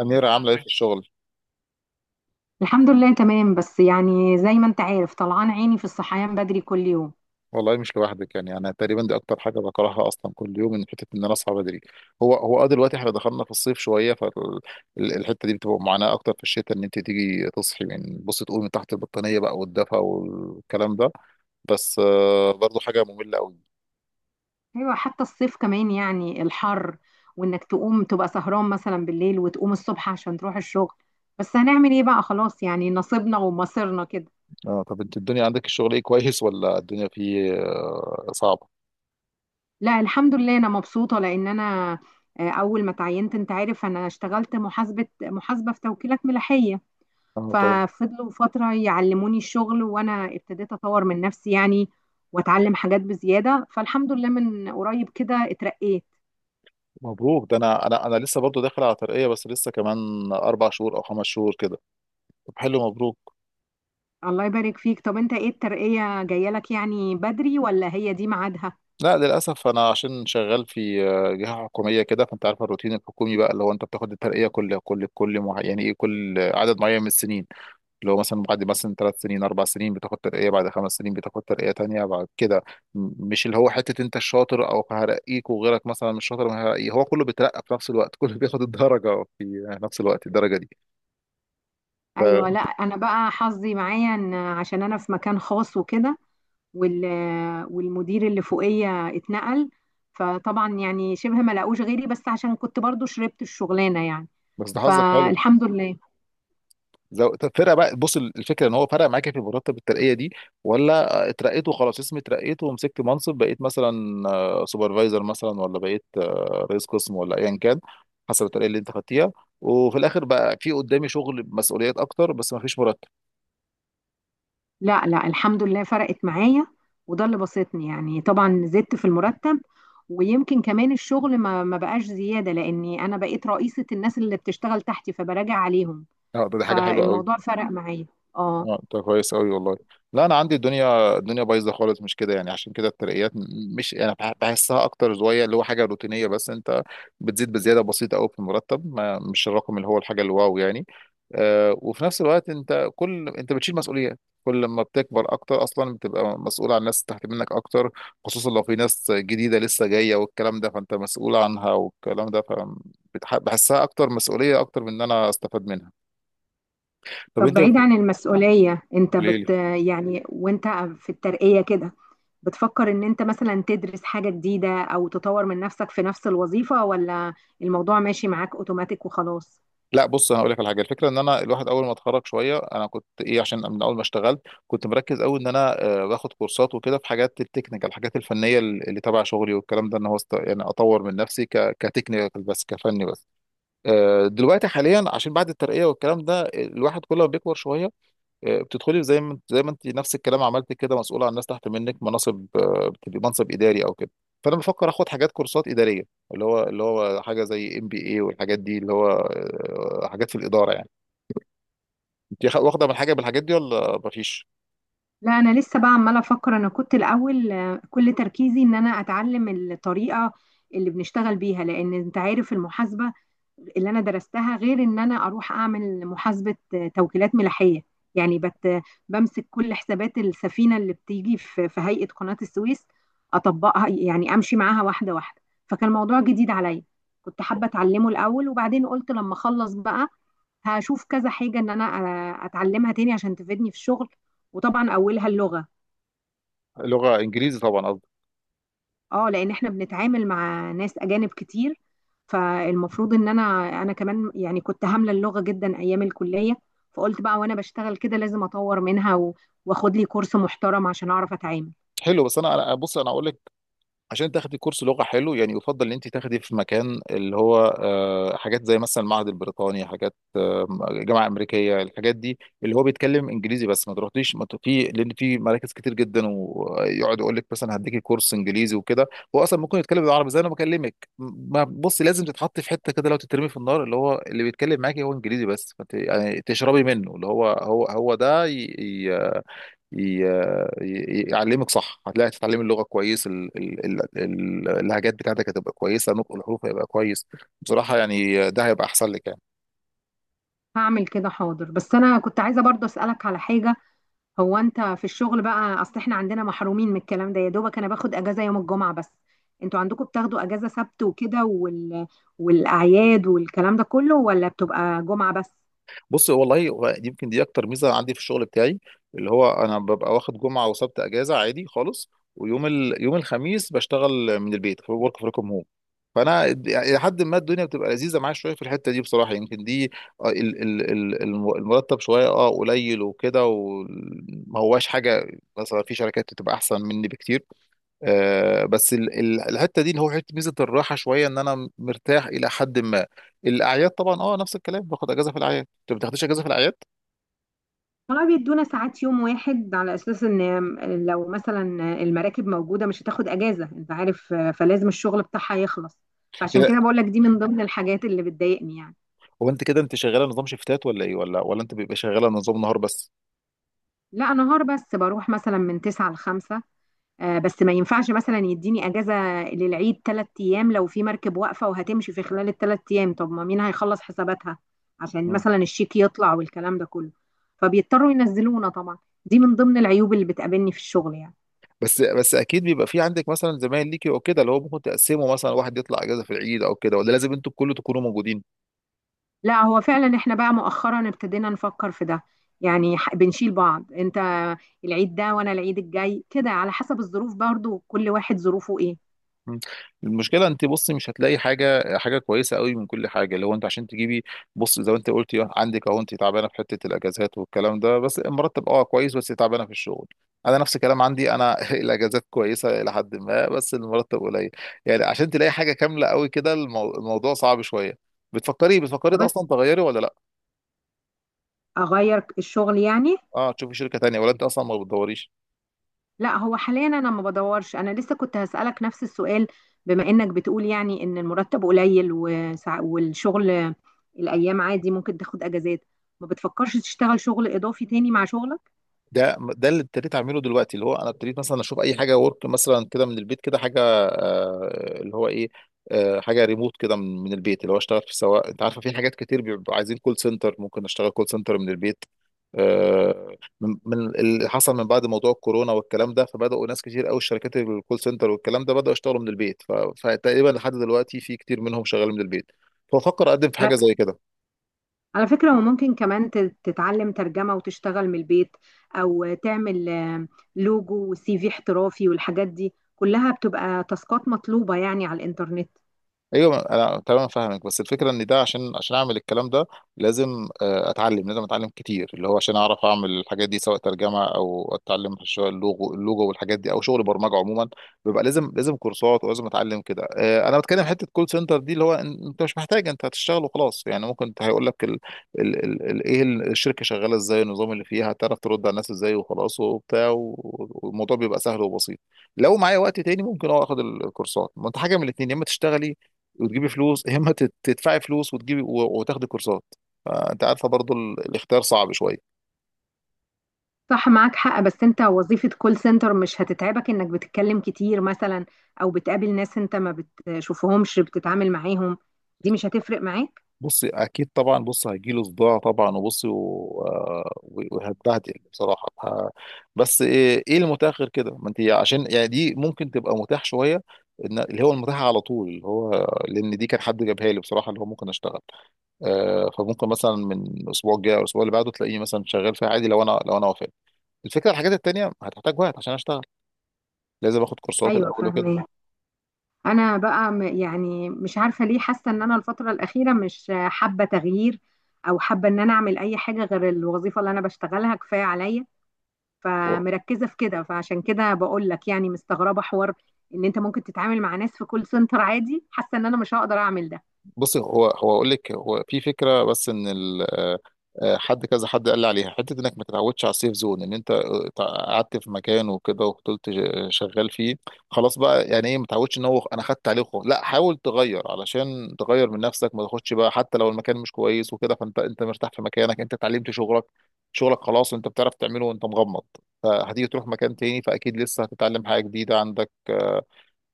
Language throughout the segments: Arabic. أميرة عاملة إيه في الشغل؟ الحمد لله تمام، بس يعني زي ما انت عارف طلعان عيني في الصحيان بدري كل يوم. والله مش لوحدك، يعني أنا تقريبا دي أكتر حاجة بكرهها أصلا، كل يوم إن حتة إن أنا أصحى بدري. هو هو دلوقتي إحنا دخلنا في الصيف شوية، فالحتة دي بتبقى معاناة أكتر في الشتاء، إن أنت تيجي تصحي بص تقومي من تحت البطانية بقى والدفى والكلام ده. بس برضه حاجة مملة أوي. ايوه حتى الصيف كمان يعني الحر، وانك تقوم تبقى سهران مثلا بالليل وتقوم الصبح عشان تروح الشغل. بس هنعمل ايه بقى خلاص، يعني نصيبنا ومصيرنا كده. أه، طب أنت الدنيا عندك الشغل إيه، كويس ولا الدنيا فيه صعبة؟ لا الحمد لله انا مبسوطة لان انا اول ما تعينت انت عارف انا اشتغلت محاسبة في توكيلات ملاحية. اه، تمام. ففضلوا فترة يعلموني الشغل، وأنا ابتديت أطور من نفسي يعني وأتعلم حاجات بزيادة. فالحمد لله من قريب كده اترقيت. مبروك، ده انا لسه برضو داخل على ترقية، بس لسه كمان 4 شهور او 5 شهور كده. طب حلو، مبروك. الله يبارك فيك. طب أنت إيه الترقية جاية لك يعني بدري ولا هي دي ميعادها؟ لا للاسف انا عشان شغال في جهه حكوميه كده، فانت عارف الروتين الحكومي بقى، اللي هو انت بتاخد الترقيه يعني ايه، كل عدد معين من السنين. اللي هو مثلا بعد مثلا 3 سنين 4 سنين بتاخد ترقيه، بعد 5 سنين بتاخد ترقيه تانية بعد كده. مش اللي هو حته انت الشاطر او هرقيك، وغيرك مثلا مش شاطر ما هرقيه، هو كله بيترقى في نفس الوقت كله بياخد الدرجه في نفس الوقت، الدرجه دي. أيوة. لا أنا بقى حظي معايا إن عشان أنا في مكان خاص وكده، وال والمدير اللي فوقية اتنقل، فطبعا يعني شبه ما لقوش غيري، بس عشان كنت برضو شربت الشغلانة يعني. بس ده حظك حلو. فالحمد لله. طب فرق بقى، بص الفكره ان هو فرق معاك في مرتب الترقيه دي، ولا اترقيت وخلاص اسمي اترقيت ومسكت منصب، بقيت مثلا سوبرفايزر مثلا، ولا بقيت رئيس قسم ولا ايا كان، حسب الترقيه اللي انت خدتيها، وفي الاخر بقى في قدامي شغل مسؤوليات اكتر بس ما فيش مرتب. لا لا الحمد لله فرقت معايا، وده اللي بسطني يعني. طبعا زدت في المرتب، ويمكن كمان الشغل ما بقاش زيادة لأني أنا بقيت رئيسة الناس اللي بتشتغل تحتي فبراجع عليهم. اه، ده حاجه حلوه قوي. فالموضوع فرق معايا. اه. اه انت كويس قوي والله. لا انا عندي الدنيا بايظه خالص، مش كده يعني، عشان كده الترقيات مش انا بحسها اكتر شويه، اللي هو حاجه روتينيه، بس انت بتزيد بزياده بسيطه قوي في المرتب، ما مش الرقم اللي هو الحاجه الواو يعني. وفي نفس الوقت انت انت بتشيل مسؤوليات، كل ما بتكبر اكتر اصلا بتبقى مسؤول عن ناس تحت منك اكتر، خصوصا لو في ناس جديده لسه جايه والكلام ده، فانت مسؤول عنها والكلام ده، بحسها اكتر، مسؤوليه اكتر من ان انا استفاد منها. طب طب انت بعيد عن المسؤولية انت قولي لي. يعني وانت في الترقية كده بتفكر ان انت مثلا تدرس حاجة جديدة او تطور من نفسك في نفس الوظيفة، ولا الموضوع ماشي معاك اوتوماتيك وخلاص؟ لا بص هقول لك على حاجه، الفكره ان انا الواحد اول ما اتخرج شويه انا كنت ايه، عشان من اول ما اشتغلت كنت مركز قوي ان انا باخد كورسات وكده في حاجات التكنيكال، الحاجات الفنيه اللي تبع شغلي والكلام ده، ان هو يعني اطور من نفسي كتكنيكال بس، كفني بس. دلوقتي حاليا عشان بعد الترقيه والكلام ده، الواحد كل ما بيكبر شويه بتدخلي زي ما انت نفس الكلام عملت كده، مسؤوله عن ناس تحت منك، مناصب بتبقي منصب اداري او كده. فانا بفكر اخد حاجات كورسات اداريه، اللي هو حاجه زي MBA والحاجات دي، اللي هو حاجات في الاداره يعني. انت واخده من حاجه من الحاجات دي ولا مفيش؟ لا انا لسه بقى عماله افكر. انا كنت الاول كل تركيزي ان انا اتعلم الطريقه اللي بنشتغل بيها، لان انت عارف المحاسبه اللي انا درستها غير ان انا اروح اعمل محاسبه توكيلات ملاحيه. يعني بمسك كل حسابات السفينه اللي بتيجي في هيئه قناه السويس اطبقها، يعني امشي معاها واحده واحده. فكان الموضوع جديد عليا، كنت حابه اتعلمه الاول. وبعدين قلت لما اخلص بقى هشوف كذا حاجة ان انا اتعلمها تاني عشان تفيدني في الشغل. وطبعا اولها اللغة. لغه انجليزي طبعا قصدي. اه لان احنا بنتعامل مع ناس اجانب كتير، فالمفروض ان انا، انا كمان يعني كنت هاملة اللغة جدا ايام الكلية. فقلت بقى وانا بشتغل كده لازم اطور منها واخد لي كورس محترم عشان اعرف اتعامل. حلو، بس بص انا اقول لك، عشان تاخدي كورس لغه حلو يعني، يفضل ان انت تاخدي في مكان اللي هو حاجات زي مثلا المعهد البريطاني، حاجات جامعه امريكيه، الحاجات دي اللي هو بيتكلم انجليزي بس، ما تروحليش ما ت- في، لان في مراكز كتير جدا ويقعد يقول لك مثلا هديكي كورس انجليزي وكده، هو اصلا ممكن يتكلم بالعربي زي انا بكلمك. ما بص، لازم تتحط في حته كده لو تترمي في النار، اللي هو اللي بيتكلم معاكي هو انجليزي بس، يعني تشربي منه، اللي هو هو ده ي... يعلمك صح، هتلاقي تتعلمي اللغه كويس، اللهجات بتاعتك هتبقى كويسه، نطق الحروف هيبقى كويس، بصراحه يعني ده هيبقى احسن لك يعني. هعمل كده حاضر. بس انا كنت عايزة برضه اسألك على حاجة. هو انت في الشغل بقى، اصل احنا عندنا محرومين من الكلام ده، يا دوبك انا باخد اجازه يوم الجمعه بس. انتوا عندكم بتاخدوا اجازه سبت وكده والاعياد والكلام ده كله، ولا بتبقى جمعه بس؟ بص والله هو دي يمكن دي اكتر ميزه عندي في الشغل بتاعي، اللي هو انا ببقى واخد جمعه وسبت اجازه عادي خالص، ويوم يوم الخميس بشتغل من البيت في ورك فروم هوم، فانا الى حد ما الدنيا بتبقى لذيذه معايا شويه في الحته دي بصراحه. يمكن دي المرتب شويه قليل وكده وما هواش حاجه، مثلا في شركات بتبقى احسن مني بكتير، بس الحته دي اللي هو حته ميزه الراحه شويه، ان انا مرتاح الى حد ما. الاعياد طبعا نفس الكلام، باخد اجازه في الاعياد. انت ما بتاخدش اجازه في الاعياد؟ طبعا بيدونا ساعات يوم واحد، على اساس ان لو مثلا المراكب موجوده مش هتاخد اجازه، انت عارف، فلازم الشغل بتاعها يخلص. فعشان كده. كده بقول لك دي من ضمن الحاجات اللي بتضايقني يعني. هو انت كده انت شغاله نظام شيفتات ولا ايه، ولا انت بيبقى شغاله نظام نهار بس؟ لا نهار بس، بروح مثلا من 9 ل 5. بس ما ينفعش مثلا يديني اجازه للعيد ثلاث ايام لو في مركب واقفه وهتمشي في خلال الثلاث ايام. طب ما مين هيخلص حساباتها عشان مم. مثلا الشيك يطلع والكلام ده كله؟ فبيضطروا ينزلونا طبعا. دي من ضمن العيوب اللي بتقابلني في الشغل يعني. بس اكيد بيبقى في عندك مثلا زمايل ليكي او كده، اللي هو ممكن تقسمه، مثلا واحد يطلع اجازه في العيد او كده، ولا لازم انتوا كله تكونوا موجودين؟ لا هو فعلا احنا بقى مؤخرا ابتدينا نفكر في ده. يعني بنشيل بعض، انت العيد ده وانا العيد الجاي كده، على حسب الظروف برضو كل واحد ظروفه ايه. مم. المشكله انت بصي مش هتلاقي حاجه كويسه قوي من كل حاجه، اللي هو انت عشان تجيبي، بص زي ما انت قلتي عندك اهو، انت تعبانه في حته الاجازات والكلام ده، بس مرتب كويس، بس تعبانه في الشغل. انا نفس الكلام عندي انا الاجازات كويسه الى حد ما بس المرتب قليل. يعني عشان تلاقي حاجه كامله قوي كده الموضوع صعب شويه. بتفكري طب أنا اصلا تغيري ولا لا؟ اغير الشغل يعني؟ اه، تشوفي شركه تانية ولا انت اصلا ما بتدوريش؟ لا هو حاليا انا ما بدورش. انا لسه كنت هسألك نفس السؤال، بما انك بتقول يعني ان المرتب قليل والشغل الايام عادي ممكن تاخد اجازات، ما بتفكرش تشتغل شغل اضافي تاني مع شغلك؟ ده اللي ابتديت اعمله دلوقتي، اللي هو انا ابتديت مثلا اشوف اي حاجه ورك مثلا كده من البيت كده، حاجه اللي هو ايه، حاجه ريموت كده من البيت، اللي هو اشتغل في، سواء انت عارفه في حاجات كتير بيبقوا عايزين كول سنتر، ممكن اشتغل كول سنتر من البيت. آه، من اللي حصل من بعد موضوع الكورونا والكلام ده، فبداوا ناس كتير قوي، الشركات الكول سنتر والكلام ده بداوا يشتغلوا من البيت، فتقريبا لحد دلوقتي في كتير منهم شغال من البيت، فبفكر اقدم في لا، حاجه زي كده. على فكرة وممكن كمان تتعلم ترجمة وتشتغل من البيت، او تعمل لوجو وسي في احترافي، والحاجات دي كلها بتبقى تاسكات مطلوبة يعني على الانترنت. ايوه انا تمام فاهمك، بس الفكره ان ده عشان اعمل الكلام ده، لازم لازم اتعلم كتير، اللي هو عشان اعرف اعمل الحاجات دي، سواء ترجمه او اتعلم شويه اللوجو والحاجات دي، او شغل برمجه عموما بيبقى لازم كورسات ولازم اتعلم كده. انا بتكلم حته كول سنتر دي، اللي هو انت مش محتاج، انت هتشتغل وخلاص يعني، ممكن هيقول لك ايه الشركه شغاله ازاي، النظام اللي فيها، هتعرف ترد على الناس ازاي وخلاص وبتاع والموضوع بيبقى سهل وبسيط. لو معايا وقت تاني ممكن اخد الكورسات، ما انت حاجه من الاثنين، يا اما تشتغلي وتجيبي فلوس، يا اما تدفعي فلوس وتجيبي وتاخدي كورسات. فانت عارفه برضو الاختيار صعب شويه. صح معاك حق. بس انت وظيفة كول سنتر مش هتتعبك انك بتتكلم كتير مثلا، او بتقابل ناس انت ما بتشوفهمش بتتعامل معاهم؟ دي مش هتفرق معاك؟ بصي اكيد طبعا، بص هيجيله صداع طبعا، وبصي وهتبهدل بصراحه، بس ايه، المتاح غير كده؟ ما انت عشان يعني دي ممكن تبقى متاح شويه، إن اللي هو المتاح على طول، اللي هو لان دي كان حد جابها لي بصراحه، اللي هو ممكن اشتغل فممكن مثلا من الاسبوع الجاي او الاسبوع اللي بعده تلاقيني مثلا شغال فيها عادي، لو انا وافقت. الفكره الحاجات التانيه هتحتاج وقت عشان اشتغل، لازم اخد كورسات ايوه الاول وكده. فاهمه. انا بقى يعني مش عارفة ليه حاسة ان انا الفترة الأخيرة مش حابة تغيير، او حابة ان انا اعمل اي حاجة غير الوظيفة اللي انا بشتغلها. كفاية عليا هو فمركزة في كده. فعشان كده بقول لك يعني مستغربة حوار ان انت ممكن تتعامل مع ناس في كول سنتر عادي. حاسة ان انا مش هقدر اعمل ده. بصي، هو اقول لك، هو في فكره، بس ان ال آه، آه، حد كذا حد قال لي عليها، حته انك ما تتعودش على السيف زون، ان انت قعدت في مكان وكده وفضلت شغال فيه، خلاص بقى يعني ايه، ما تعودش ان هو انا خدت عليه خلاص، لا حاول تغير علشان تغير من نفسك، ما تاخدش بقى حتى لو المكان مش كويس وكده. فانت مرتاح في مكانك، انت اتعلمت شغلك، خلاص انت بتعرف تعمله وانت مغمض. فهتيجي تروح مكان تاني، فاكيد لسه هتتعلم حاجه جديده عندك،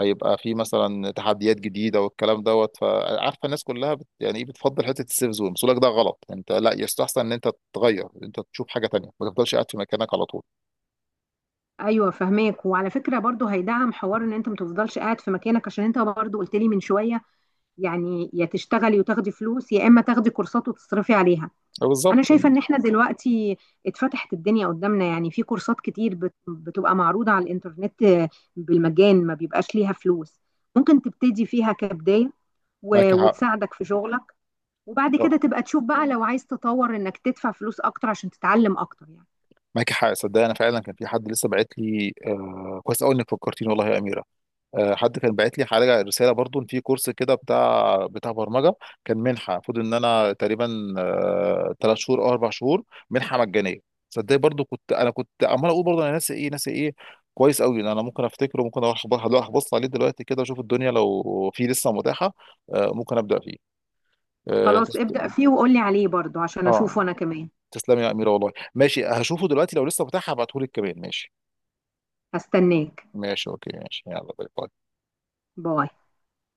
هيبقى في مثلا تحديات جديده والكلام دوت، فعارفه الناس كلها يعني ايه، بتفضل حته السيف زون، بس لك ده غلط، انت لا يستحسن ان انت تتغير، انت تشوف حاجه تانية، ما تفضلش قاعد في مكانك على طول. ايوه فهماك. وعلى فكره برضو هيدعم حوار ان انت ما تفضلش قاعد في مكانك، عشان انت برضو قلت لي من شويه يعني يا تشتغلي وتاخدي فلوس يا اما تاخدي كورسات وتصرفي عليها. أه، انا بالظبط. شايفه ان احنا دلوقتي اتفتحت الدنيا قدامنا، يعني في كورسات كتير بتبقى معروضه على الانترنت بالمجان، ما بيبقاش ليها فلوس. ممكن تبتدي فيها كبدايه معاك حق. وتساعدك في شغلك. وبعد كده آه، تبقى تشوف بقى لو عايز تطور انك تدفع فلوس اكتر عشان تتعلم اكتر يعني. معاك حق، صدق انا فعلا كان في حد لسه باعت لي، كويس قوي انك فكرتيني والله يا اميره. حد كان باعت لي حاجه، رساله برضو، إن في كورس كده بتاع برمجه، كان منحه، المفروض ان انا تقريبا 3 شهور او 4 شهور، منحه مجانيه. صدق برضو، كنت عمال اقول برضو، انا ناسي ايه، ناسي ايه. كويس قوي ان انا ممكن افتكره، ممكن اروح هروح ابص عليه دلوقتي كده، اشوف الدنيا لو في لسه متاحه، ممكن ابدا فيه. اه خلاص تست- ابدأ فيه وقولي عليه برضو عشان اشوفه آه، انا كمان. تسلمي يا اميره والله، ماشي هشوفه دلوقتي لو لسه متاح، هبعتهولك كمان، ماشي. هستناك. ماشي اوكي، ماشي يلا، باي باي. باي.